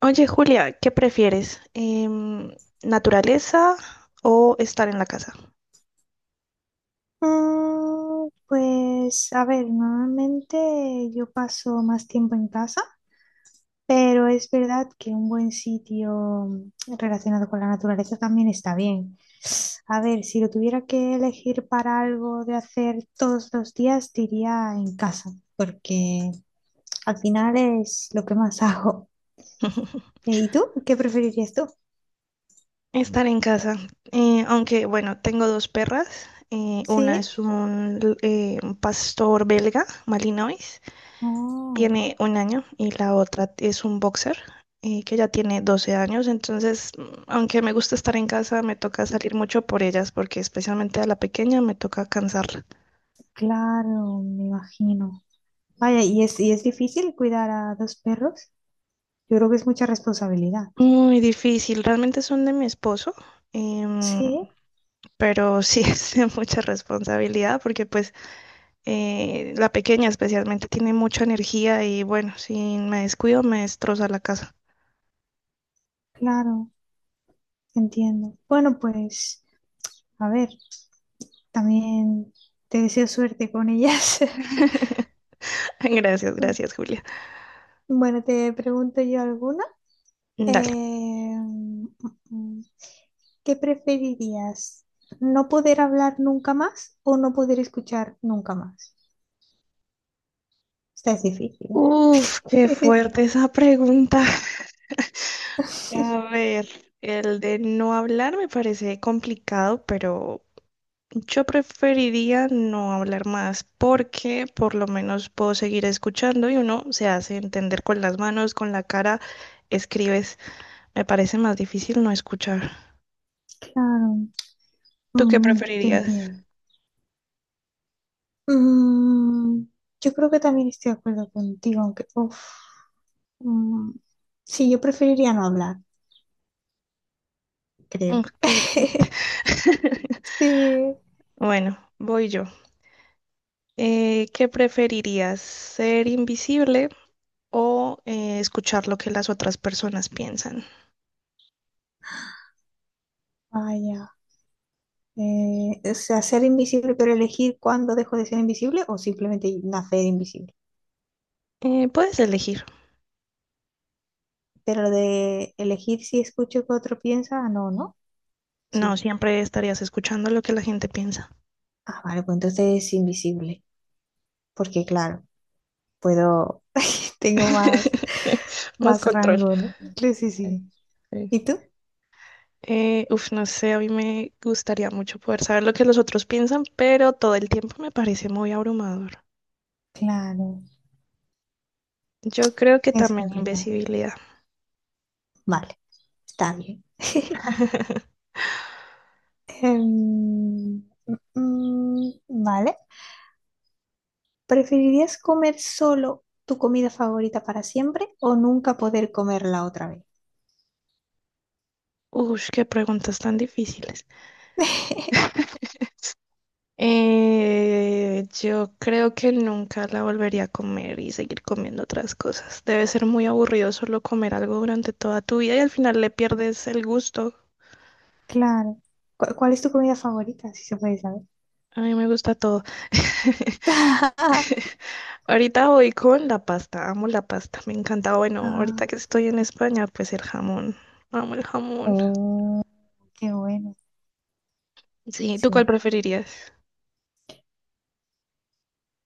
Oye, Julia, ¿qué prefieres? ¿Naturaleza o estar en la casa? Pues a ver, normalmente yo paso más tiempo en casa, pero es verdad que un buen sitio relacionado con la naturaleza también está bien. A ver, si lo tuviera que elegir para algo de hacer todos los días, diría en casa, porque al final es lo que más hago. ¿Y tú? ¿Qué preferirías tú? Estar en casa. Aunque, bueno, tengo dos perras. Una Sí. es un pastor belga, Malinois, Oh, tiene 1 año, y la otra es un boxer, que ya tiene 12 años. Entonces, aunque me gusta estar en casa, me toca salir mucho por ellas, porque especialmente a la pequeña me toca cansarla. claro, me imagino. Vaya, ¿y es difícil cuidar a dos perros? Yo creo que es mucha responsabilidad. Muy difícil, realmente son de mi esposo. Em, Sí, pero sí es de mucha responsabilidad porque pues la pequeña especialmente tiene mucha energía y bueno, si me descuido me destroza la casa. claro, entiendo. Bueno, pues, a ver, también te deseo suerte con ellas. Gracias, gracias, Julia. Bueno, te pregunto yo alguna. Eh, Dale. mm, mm, ¿Qué preferirías? ¿No poder hablar nunca más o no poder escuchar nunca más? Esta es difícil. Uf, qué ¿Eh? fuerte esa pregunta. A ver, el de no hablar me parece complicado, pero yo preferiría no hablar más porque por lo menos puedo seguir escuchando y uno se hace entender con las manos, con la cara, escribes. Me parece más difícil no escuchar. Claro, ¿Tú qué te preferirías? entiendo. Mm, yo creo que también estoy de acuerdo contigo, aunque, uf, Mm, sí, yo preferiría no hablar, Mm, creo. qué fuerte. Sí, Bueno, voy yo. ¿Qué preferirías? ¿Ser invisible o escuchar lo que las otras personas piensan? vaya. O sea, ser invisible, pero elegir cuándo dejo de ser invisible o simplemente nacer invisible. Puedes elegir. Pero lo de elegir si escucho que otro piensa, ah, no, ¿no? No, Sí. siempre estarías escuchando lo que la gente piensa. Ah, vale, pues entonces es invisible. Porque claro, puedo, tengo más, Más más control. rango, ¿no? Sí, sí, Ok, sí. ¿Y ok. tú? Uf, no sé, a mí me gustaría mucho poder saber lo que los otros piensan, pero todo el tiempo me parece muy abrumador. Claro, Yo creo que es también complicado. invisibilidad. Vale, está bien. Em, vale. ¿Preferirías comer solo tu comida favorita para siempre o nunca poder comerla otra vez? Ush, qué preguntas tan difíciles. Yo creo que nunca la volvería a comer y seguir comiendo otras cosas. Debe ser muy aburrido solo comer algo durante toda tu vida y al final le pierdes el gusto. Claro. ¿Cuál es tu comida favorita? Si se puede saber. A mí me gusta todo. Ahorita voy con la pasta. Amo la pasta. Me encanta. Bueno, ahorita que Ah, estoy en España, pues el jamón. Amo el jamón. oh, qué bueno. Sí, ¿tú cuál Sí. preferirías?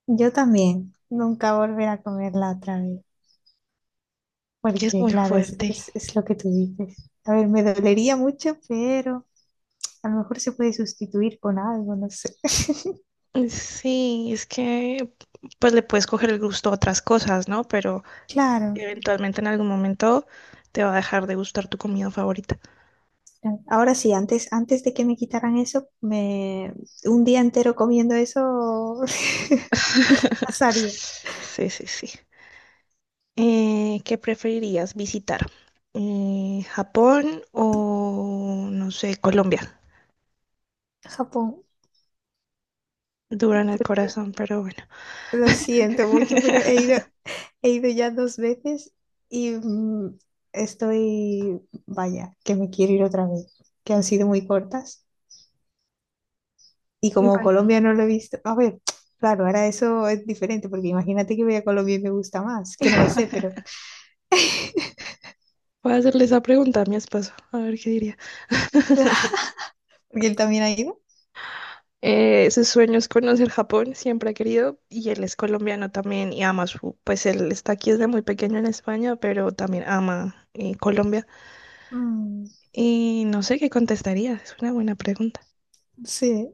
Yo también. Nunca volver a comerla otra vez. Que es Porque, muy claro, fuerte. Es lo que tú dices. A ver, me dolería mucho, pero a lo mejor se puede sustituir con algo, no sé. Sí, es que pues le puedes coger el gusto a otras cosas, ¿no? Pero Claro. eventualmente en algún momento te va a dejar de gustar tu comida favorita. Ahora sí, antes de que me quitaran eso, me un día entero comiendo eso pasaría Sí, sí, sí. ¿Qué preferirías visitar? ¿Japón o, no sé, Colombia? a Japón, Dura en el porque corazón, pero bueno. lo siento mucho, pero he ido ya dos veces y estoy, vaya, que me quiero ir otra vez, que han sido muy cortas y como Bueno, Colombia no lo he visto, a ver, claro, ahora eso es diferente, porque imagínate que voy a Colombia y me gusta más, que no lo sé, pero voy a hacerle esa pregunta a mi esposo, a ver qué diría. porque él también ha ido. Su sueño es conocer Japón, siempre ha querido, y él es colombiano también y ama su, pues él está aquí desde muy pequeño en España, pero también ama Colombia. Mm, Y no sé qué contestaría, es una buena pregunta. sí.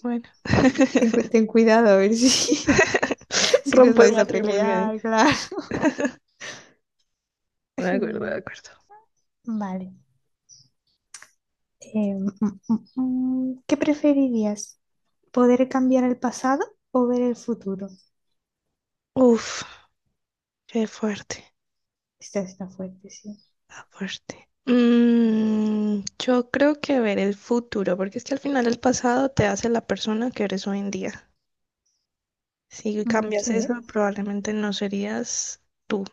Bueno, Ten, ten cuidado a ver si, si nos rompo el vais a matrimonio ahí. pelear, claro. De acuerdo, de Mm, acuerdo. Vale. Eh, mm, ¿Qué preferirías? ¿Poder cambiar el pasado o ver el futuro? Uf, qué fuerte, Esta está fuerte, sí. está fuerte. Mm, yo creo que ver el futuro, porque es que al final el pasado te hace la persona que eres hoy en día. Si cambias Sí. eso, probablemente no serías tú.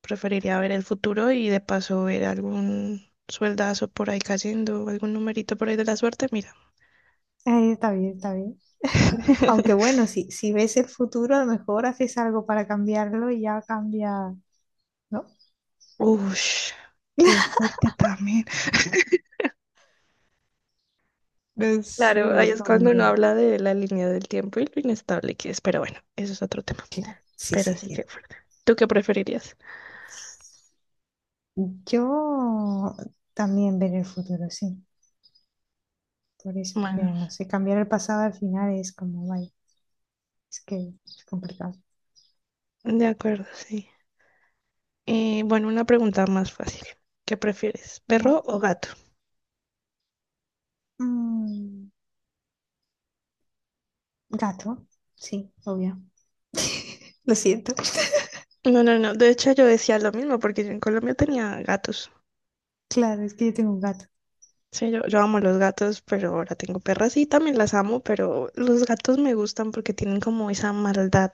Preferiría ver el futuro y de paso ver algún sueldazo por ahí cayendo, algún numerito por ahí de la suerte, mira. Está bien, está bien. Aunque bueno, si ves el futuro, a lo mejor haces algo para cambiarlo y ya cambia, ¿no? Ush, qué fuerte también. No sé, Claro, ahí es es cuando uno complicado. habla de la línea del tiempo y lo inestable que es, pero bueno, eso es otro tema. Claro, sí, Pero sí, sí, que cierto. fuerte. ¿Tú qué preferirías? Yo también ver el futuro, sí. Por eso, porque Bueno, no sé, cambiar el pasado al final es como, vaya, es que es complicado. de acuerdo, sí. Bueno, una pregunta más fácil. ¿Qué prefieres, ¿Vale? perro o gato? Mm, Gato, sí, obvio. Lo siento. No, no, no. De hecho, yo decía lo mismo porque yo en Colombia tenía gatos. Claro, es que yo tengo un gato. Sí, yo amo los gatos, pero ahora tengo perras y también las amo, pero los gatos me gustan porque tienen como esa maldad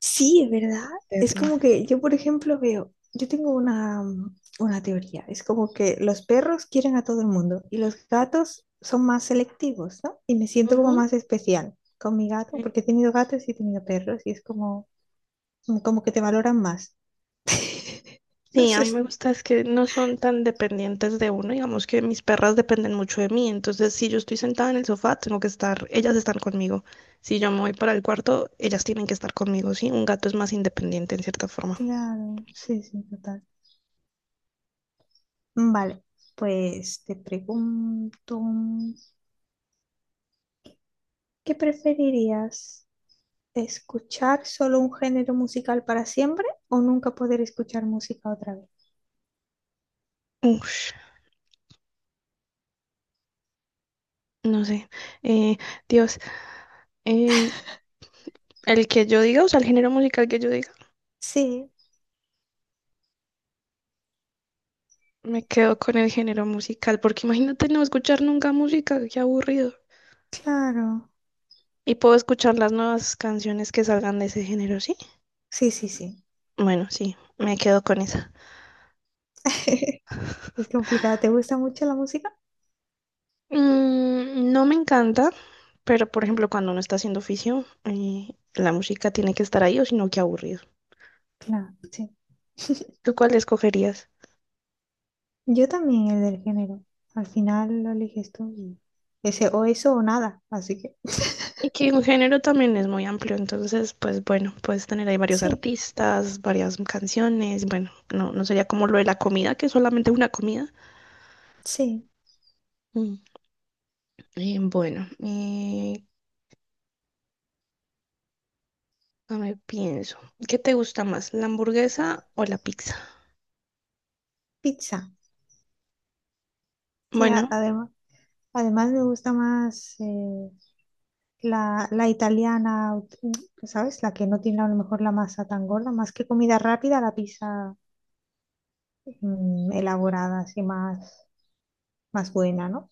Sí, es verdad. Es eterna. como que yo, por ejemplo, veo, yo tengo una, una teoría. Es como que los perros quieren a todo el mundo y los gatos son más selectivos, ¿no? Y me siento como Ujú. más especial con mi gato, Sí. porque he tenido gatos y he tenido perros y es como, como que te valoran más. No Sí, a sé, mí me gusta es que no son tan dependientes de uno, digamos que mis perras dependen mucho de mí, entonces si yo estoy sentada en el sofá, tengo que estar, ellas están conmigo. Si yo me voy para el cuarto, ellas tienen que estar conmigo, ¿sí? Un gato es más independiente en cierta forma. claro, sí, sí, total. Vale, pues te pregunto, ¿qué preferirías? ¿Escuchar solo un género musical para siempre o nunca poder escuchar música otra vez? Ush, no sé. Eh, Dios, eh, el que yo diga, o sea, el género musical que yo diga, Sí, me quedo con el género musical, porque imagínate no escuchar nunca música, qué aburrido. claro. Y puedo escuchar las nuevas canciones que salgan de ese género, ¿sí? Sí, sí, sí. Bueno, sí, me quedo con esa. Es complicado. ¿Te gusta mucho la música? Mm, no me encanta, pero por ejemplo, cuando uno está haciendo oficio, la música tiene que estar ahí, o si no, qué aburrido. Claro, sí. ¿Tú cuál escogerías? Yo también el del género. Al final lo eliges tú y ese o eso o nada. Así que Y que un género también es muy amplio, entonces, pues bueno, puedes tener ahí varios sí, artistas, varias canciones, bueno, no, no sería como lo de la comida, que es solamente una comida. sí. Mm, bueno, a ver, pienso, ¿qué te gusta más, la hamburguesa o la pizza? Pizza. Sí, a- Bueno, además. Además me gusta más la italiana, ¿sabes? La que no tiene a lo mejor la masa tan gorda, más que comida rápida, la pizza elaborada, así más, más buena, ¿no?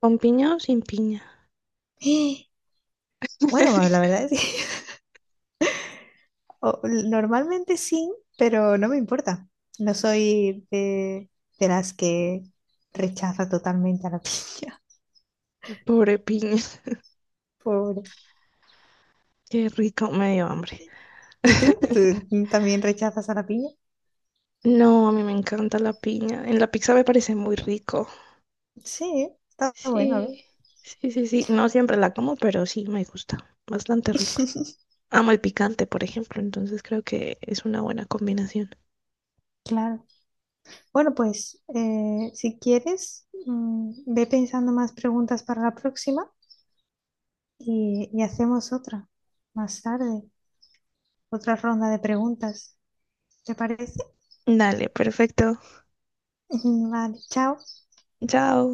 ¿con piña o sin piña? Bueno, la verdad es que o- normalmente sí, pero no me importa. No soy de las que rechaza totalmente a la piña, Pobre piña, pobre. qué rico, me dio hambre. ¿Y tú? ¿Tú también rechazas a la piña? No, a mí me encanta la piña, en la pizza me parece muy rico. Sí, está bueno, a ver. Sí, sí, sí, sí. No siempre la como, pero sí me gusta. Bastante rico. Amo el picante, por ejemplo, entonces creo que es una buena combinación. Claro. Bueno, pues si quieres, ve pensando más preguntas para la próxima y hacemos otra más tarde, otra ronda de preguntas. ¿Te parece? Dale, perfecto. Vale, chao. Chao.